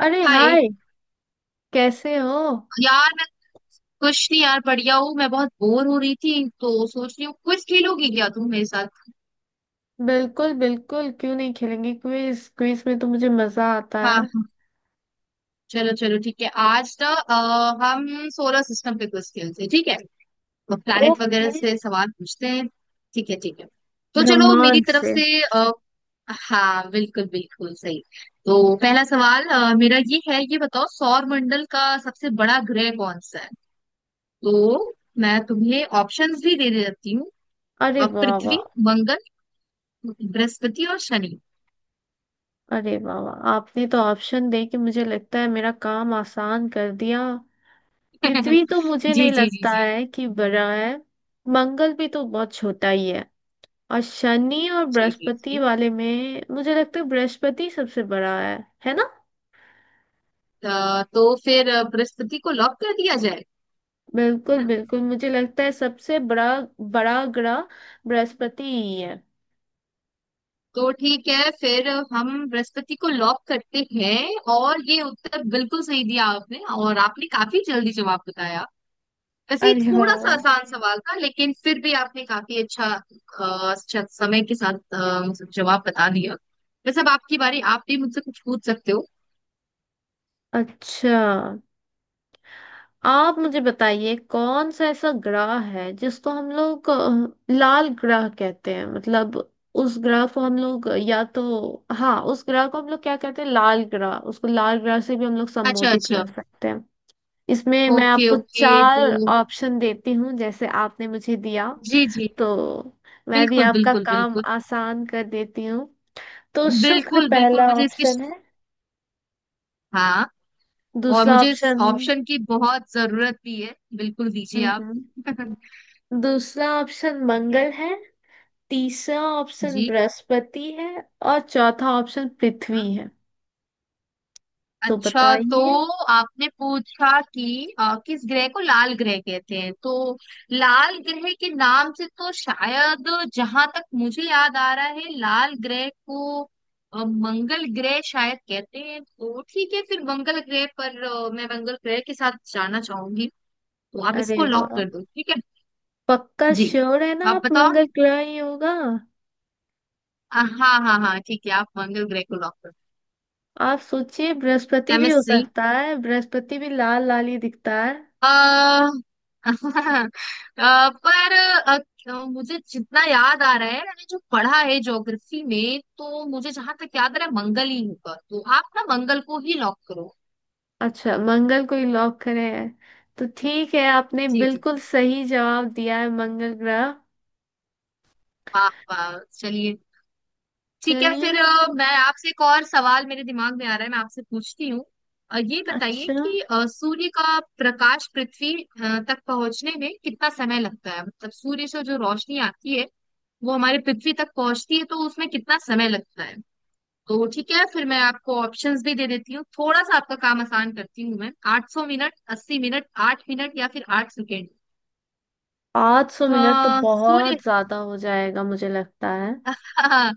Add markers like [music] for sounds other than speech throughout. अरे hi. Hi. कैसे हो। यार मैं कुछ नहीं यार, बढ़िया हूँ। मैं बहुत बोर हो रही थी तो सोच रही हूँ कुछ खेलोगी क्या तुम मेरे साथ। बिल्कुल बिल्कुल, क्यों नहीं खेलेंगे। क्विज क्विज में तो मुझे मजा आता हाँ है। हाँ। चलो चलो ठीक है। आज ना हम सोलर सिस्टम पे कुछ खेलते हैं ठीक है। तो प्लैनेट वगैरह ओके। से सवाल पूछते हैं। ठीक है ठीक है। तो चलो मेरी ब्रह्मांड तरफ से। से हाँ बिल्कुल बिल्कुल सही। तो पहला सवाल मेरा ये है, ये बताओ सौर मंडल का सबसे बड़ा ग्रह कौन सा है। तो मैं तुम्हें ऑप्शंस भी दे देती हूँ। अरे वाह वाह। पृथ्वी, मंगल, बृहस्पति और शनि। [laughs] अरे वाह वाह, आपने तो ऑप्शन दे के मुझे लगता है मेरा काम आसान कर दिया। पृथ्वी तो मुझे जी नहीं जी जी लगता जी है कि बड़ा है। मंगल भी तो बहुत छोटा ही है। और शनि और जी जी बृहस्पति जी। वाले में मुझे लगता है बृहस्पति सबसे बड़ा है ना। तो फिर बृहस्पति को लॉक कर दिया जाए। बिल्कुल हाँ, बिल्कुल, मुझे लगता है सबसे बड़ा बड़ा ग्रह बृहस्पति ही है। तो ठीक है फिर हम बृहस्पति को लॉक करते हैं। और ये उत्तर बिल्कुल सही दिया आपने, और आपने काफी जल्दी जवाब बताया। वैसे ये अरे थोड़ा वाह। सा आसान सवाल था लेकिन फिर भी आपने काफी अच्छा अच्छा समय के साथ मतलब जवाब बता दिया। वैसे अब आपकी बारी, आप भी मुझसे कुछ पूछ सकते हो। अच्छा। आप मुझे बताइए कौन सा ऐसा ग्रह है जिसको हम लोग लाल ग्रह कहते हैं मतलब उस ग्रह को हम लोग, या तो हाँ, उस ग्रह को हम लोग क्या कहते हैं लाल ग्रह, उसको लाल ग्रह से भी हम लोग अच्छा संबोधित अच्छा। कर सकते हैं। इसमें मैं ओके आपको ओके। चार तो ऑप्शन देती हूँ जैसे आपने मुझे दिया। जी जी। तो मैं भी बिल्कुल आपका बिल्कुल काम बिल्कुल। आसान कर देती हूँ। तो शुक्र बिल्कुल बिल्कुल पहला मुझे इसकी। ऑप्शन है। हाँ। और दूसरा मुझे इस ऑप्शन ऑप्शन की बहुत जरूरत भी है, बिल्कुल दीजिए आप। हम्म [laughs] ठीक दूसरा ऑप्शन है। मंगल है। तीसरा ऑप्शन जी। बृहस्पति है। और चौथा ऑप्शन हाँ। पृथ्वी है। तो अच्छा तो बताइए। आपने पूछा कि किस ग्रह को लाल ग्रह कहते हैं, तो लाल ग्रह के नाम से तो शायद जहां तक मुझे याद आ रहा है, लाल ग्रह को मंगल ग्रह शायद कहते हैं, तो ठीक है फिर मंगल ग्रह पर मैं मंगल ग्रह के साथ जाना चाहूंगी। तो आप इसको अरे लॉक वाह। कर दो, ठीक है। पक्का जी। श्योर है ना, आप आप बताओ। मंगल ग्रह ही होगा। हाँ हाँ हाँ ठीक है, आप मंगल ग्रह को लॉक कर आप सोचिए बृहस्पति दो। भी मैं हो सही सकता है, बृहस्पति भी लाल लाल ही दिखता है। आ, [laughs] पर मुझे जितना याद आ रहा है, मैंने जो पढ़ा है ज्योग्राफी में तो मुझे जहां तक याद आ रहा है मंगल ही होगा, तो आप ना मंगल को ही लॉक करो। अच्छा, मंगल को ही लॉक करे हैं। तो ठीक है, आपने जी जी। बिल्कुल सही जवाब दिया है, मंगल ग्रह। वाह वाह चलिए। ठीक है, चलिए। फिर मैं आपसे एक और सवाल मेरे दिमाग में आ रहा है, मैं आपसे पूछती हूँ। ये बताइए अच्छा। कि सूर्य का प्रकाश पृथ्वी तक पहुंचने में कितना समय लगता है, मतलब सूर्य से जो रोशनी आती है वो हमारे पृथ्वी तक पहुंचती है तो उसमें कितना समय लगता है। तो ठीक है फिर मैं आपको ऑप्शंस भी दे देती हूँ, थोड़ा सा आपका काम आसान करती हूँ। मैं 800 मिनट, 80 मिनट, 8 मिनट, या फिर 8 सेकेंड। 500 मिनट तो सूर्य। बहुत ज्यादा हो जाएगा, मुझे लगता है। हाँ।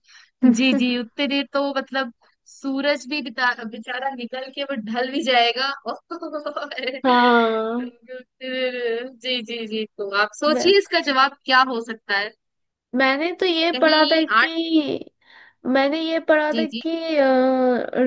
जी जी। [laughs] उतने देर तो मतलब सूरज भी बिता बेचारा निकल के वो ढल भी जाएगा [laughs] और क्योंकि हाँ। उतने देर। जी जी जी, तो आप सोचिए मैं- इसका जवाब क्या हो सकता है। मैंने तो ये पढ़ा था कहीं आठ। कि मैंने ये पढ़ा था जी जी कि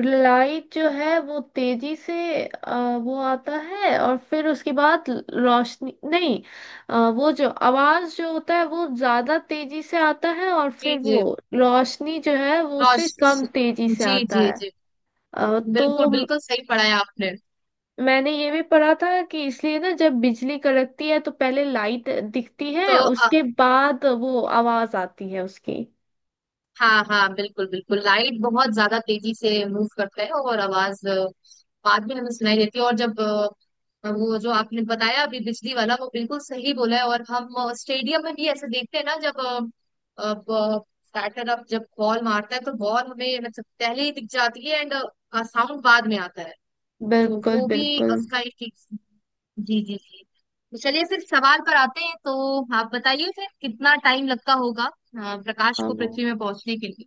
लाइट जो है वो तेजी से, अ, वो आता है और फिर उसके बाद रोशनी नहीं, वो जो आवाज जो होता है वो ज्यादा तेजी से आता है और जी फिर जी। वो रोशनी जो है वो उससे रोश। कम तेजी से जी आता जी है। जी। अ, बिल्कुल तो म- बिल्कुल सही पढ़ा है आपने। मैंने ये भी पढ़ा था कि इसलिए ना जब बिजली कड़कती है तो पहले लाइट दिखती तो है उसके बाद वो आवाज आती है उसकी। हाँ हाँ, बिल्कुल बिल्कुल लाइट बहुत ज्यादा तेजी से मूव करता है और आवाज बाद में हमें सुनाई देती है। और जब वो जो आपने बताया अभी बिजली वाला, वो बिल्कुल सही बोला है, और हम स्टेडियम में भी ऐसे देखते हैं ना, जब अब बैटर अब जब बॉल मारता है तो बॉल हमें मतलब पहले ही दिख जाती है, एंड साउंड बाद में आता है। तो बिल्कुल वो भी बिल्कुल। उसका एक एक-। जी जी जी। तो चलिए फिर सवाल पर आते हैं। तो आप बताइए फिर कितना टाइम लगता होगा प्रकाश को हाँ पृथ्वी में पहुंचने के लिए।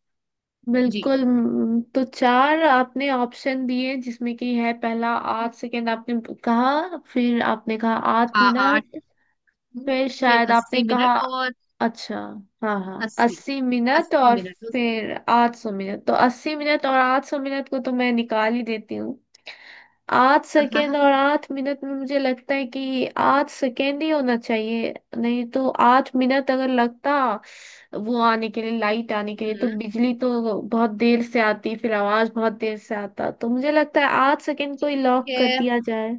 जी। बिल्कुल। तो चार आपने ऑप्शन दिए जिसमें कि है पहला आर्ट सेकंड आपने कहा। फिर आपने कहा हाँ आत्मविनाश। आठ। फिर फिर शायद आपने अस्सी कहा। मिनट और अच्छा। हाँ हाँ, अस्सी, 80 मिनट अस्सी और। मिनट उस-। फिर 800 मिनट, तो 80 मिनट और 800 मिनट को तो मैं निकाल ही देती हूँ। 8 सेकेंड और [laughs] 8 मिनट में मुझे लगता है कि 8 सेकेंड ही होना चाहिए, नहीं तो 8 मिनट अगर लगता वो आने के लिए, लाइट आने के लिए, तो हम्म। बिजली तो बहुत देर से आती फिर आवाज बहुत देर से आता, तो मुझे लगता है 8 सेकेंड को ही ठीक लॉक कर है। दिया जाए।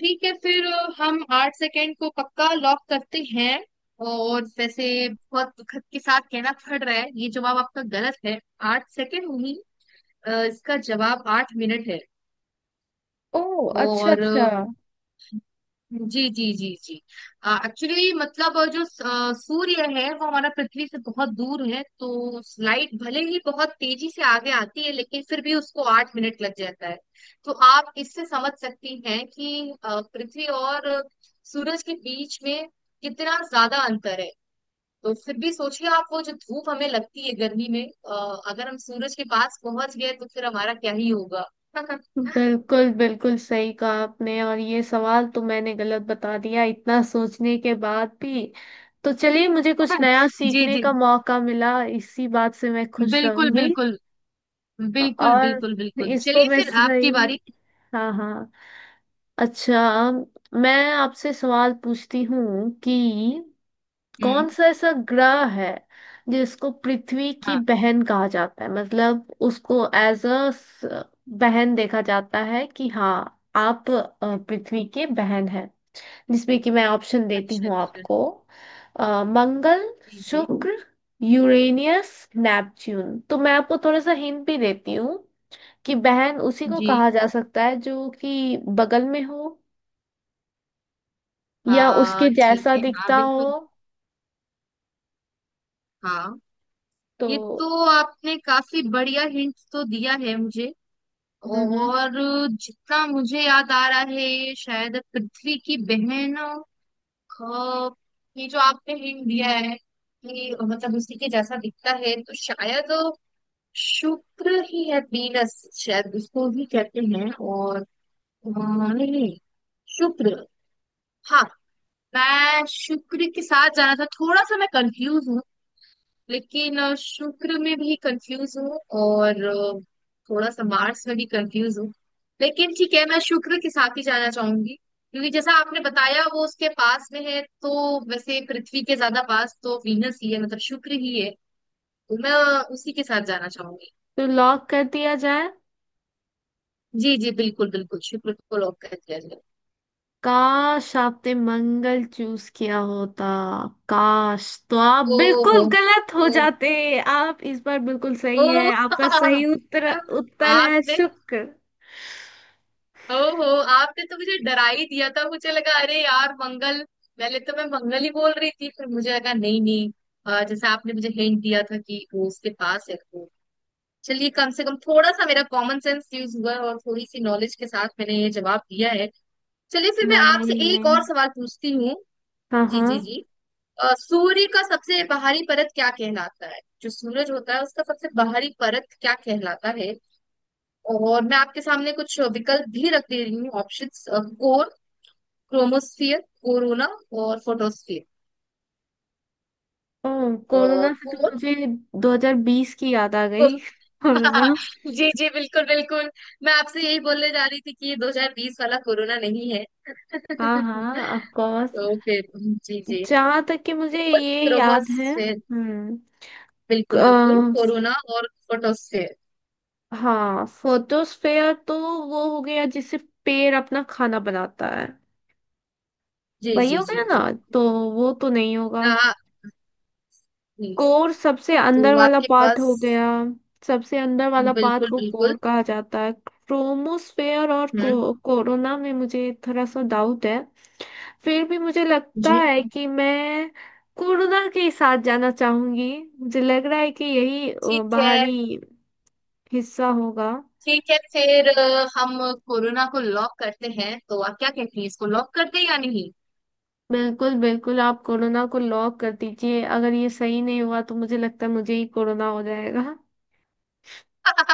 ठीक है फिर हम 8 सेकेंड को पक्का लॉक करते हैं। और वैसे बहुत दुखद के साथ कहना पड़ रहा है, ये जवाब आपका गलत है। 8 सेकेंड नहीं, इसका जवाब 8 मिनट है। ओ अच्छा और अच्छा। जी जी जी जी। एक्चुअली मतलब जो सूर्य है वो हमारा पृथ्वी से बहुत दूर है, तो लाइट भले ही बहुत तेजी से आगे आती है लेकिन फिर भी उसको 8 मिनट लग जाता है। तो आप इससे समझ सकती हैं कि पृथ्वी और सूरज के बीच में कितना ज्यादा अंतर है। तो फिर भी सोचिए आप, वो जो धूप हमें लगती है गर्मी में, अगर हम सूरज के पास पहुंच गए तो फिर हमारा क्या ही होगा। [laughs] बिल्कुल बिल्कुल सही कहा आपने, और ये सवाल तो मैंने गलत बता दिया इतना सोचने के बाद भी। तो चलिए मुझे कुछ नया जी सीखने जी। का मौका मिला, इसी बात से मैं खुश बिल्कुल रहूंगी। बिल्कुल। बिल्कुल और बिल्कुल बिल्कुल इसको चलिए मैं फिर आपकी सही। बारी। हाँ हाँ। अच्छा। मैं आपसे सवाल पूछती हूँ कि कौन हम्म। सा ऐसा ग्रह है जिसको पृथ्वी की हाँ बहन कहा जाता है, मतलब उसको एज अ बहन देखा जाता है कि हाँ, आप पृथ्वी के बहन हैं। जिसमें कि मैं ऑप्शन देती अच्छा हूँ अच्छा। आपको, मंगल, जी जी शुक्र, यूरेनियस, नेपच्यून। तो मैं आपको थोड़ा सा हिंट भी देती हूँ कि बहन उसी को जी। कहा जा सकता है जो कि बगल में हो या उसके हाँ ठीक जैसा है हाँ दिखता हो। बिल्कुल। हाँ। तो ये तो आपने काफी बढ़िया हिंट तो दिया है मुझे। हम्म और जितना मुझे याद आ रहा है, ये शायद पृथ्वी की बहनों का ये जो आपने हिंट दिया है कि मतलब उसी के जैसा दिखता है, तो शायद शुक्र ही है। वीनस शायद उसको ही कहते हैं। और नहीं, शुक्र। हाँ। मैं शुक्र के साथ जाना था, थोड़ा सा मैं कंफ्यूज हूँ। लेकिन शुक्र में भी कंफ्यूज हूँ, और थोड़ा सा मार्स में भी कंफ्यूज हूँ। लेकिन ठीक है, मैं शुक्र के साथ ही जाना चाहूंगी क्योंकि जैसा आपने बताया वो उसके पास में है, तो वैसे पृथ्वी के ज्यादा पास तो वीनस ही है, मतलब शुक्र ही है। तो मैं उसी के साथ जाना चाहूंगी। तो लॉक कर दिया जाए। जी जी। बिल्कुल बिल्कुल, शुक्र को लॉक कर दिया जाए। काश आपने मंगल चूज किया होता, काश, तो आप ओ हो। बिल्कुल गलत हो जाते। आप इस बार बिल्कुल ओ सही है, आपका सही [laughs] उत्तर उत्तर है आपने। शुक्र। ओहो, आपने तो मुझे डरा ही दिया था, मुझे लगा अरे यार मंगल। पहले तो मैं मंगल ही बोल रही थी, फिर मुझे लगा नहीं नहीं, जैसे आपने मुझे हिंट दिया था कि वो उसके पास है, तो चलिए कम से कम थोड़ा सा मेरा कॉमन सेंस यूज हुआ है, और थोड़ी सी नॉलेज के साथ मैंने ये जवाब दिया है। चलिए फिर मैं आपसे नहीं एक नहीं। और सवाल पूछती हूँ। हाँ जी हाँ। जी जी। सूर्य का सबसे बाहरी परत क्या कहलाता है, जो सूरज होता है उसका सबसे बाहरी परत क्या कहलाता है। और मैं आपके सामने कुछ विकल्प भी रख दे रही हूँ, ऑप्शंस — कोर, क्रोमोस्फियर, कोरोना और फोटोस्फियर। ओ। कोरोना से तो कोर। मुझे 2020 की याद आ गई, [laughs] कोरोना। [laughs] जी जी बिल्कुल बिल्कुल, मैं आपसे यही बोलने जा रही थी कि ये 2020 वाला कोरोना नहीं है। हाँ हाँ, [laughs] ऑफ कोर्स। तो फिर जी जी। जहां तक कि मुझे कोर, ये याद है। क्रोमोस्फेयर, हम्म। क- बिल्कुल बिल्कुल अ, कोरोना और फोटोस्फेयर। हाँ, फोटोस्फेयर तो वो हो गया जिससे पेड़ अपना खाना बनाता है। जी वही जी हो जी गया ना। जी। तो वो तो नहीं होगा। हाँ। जी। कोर सबसे अंदर तो वाला आपके पार्ट पास हो गया। सबसे अंदर वाला पार्ट बिल्कुल को बिल्कुल। कोर कहा जाता है। क्रोमोस्फेयर और हम्म। कोरोना में मुझे थोड़ा सा डाउट है। फिर भी मुझे लगता जी। है कि मैं कोरोना के साथ जाना चाहूंगी। मुझे लग रहा है कि यही ठीक है, बाहरी हिस्सा होगा। ठीक है फिर हम कोरोना को लॉक करते हैं, तो आप क्या कहती हैं इसको लॉक करते हैं या नहीं। बिल्कुल बिल्कुल, आप कोरोना को लॉक कर दीजिए, अगर ये सही नहीं हुआ तो मुझे लगता है मुझे ही कोरोना हो जाएगा।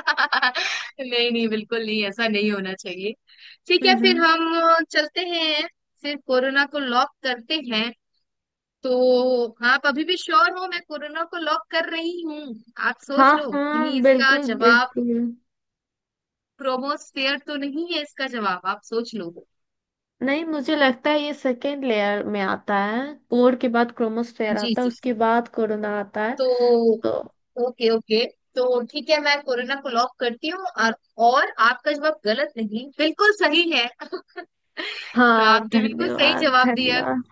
[laughs] नहीं नहीं बिल्कुल नहीं, ऐसा नहीं होना चाहिए। ठीक है, हम्म फिर हम्म। हम चलते हैं, फिर कोरोना को लॉक करते हैं। तो आप अभी भी श्योर हो, मैं कोरोना को लॉक कर रही हूँ। आप सोच हाँ लो कहीं हाँ इसका बिल्कुल जवाब बिल्कुल। प्रोमोस्फेयर तो नहीं है, इसका जवाब आप सोच लो। नहीं, मुझे लगता है ये सेकेंड लेयर में आता है। कोर के बाद क्रोमोस्फेयर जी आता है, जी। उसके बाद कोरोना आता है। तो तो। Okay okay. तो ठीक है मैं कोरोना को लॉक करती हूँ, और आपका जवाब गलत नहीं, बिल्कुल सही है। [laughs] तो हाँ, आपके बिल्कुल सही धन्यवाद जवाब दिया। धन्यवाद।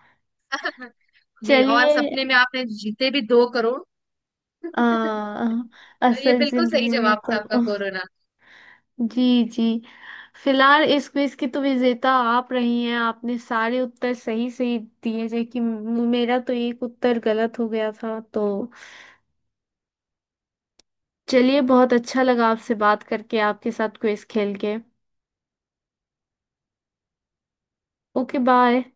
जी, और चलिए। सपने में आपने जीते भी 2 करोड़। [laughs] आ, तो ये असल बिल्कुल सही जिंदगी में जवाब था आपका तो। कोरोना। जी जी। फिलहाल इस क्विज की तो विजेता आप रही हैं, आपने सारे उत्तर सही सही दिए, जबकि मेरा तो एक उत्तर गलत हो गया था। तो चलिए, बहुत अच्छा लगा आपसे बात करके, आपके साथ क्विज खेल के। Okay bye.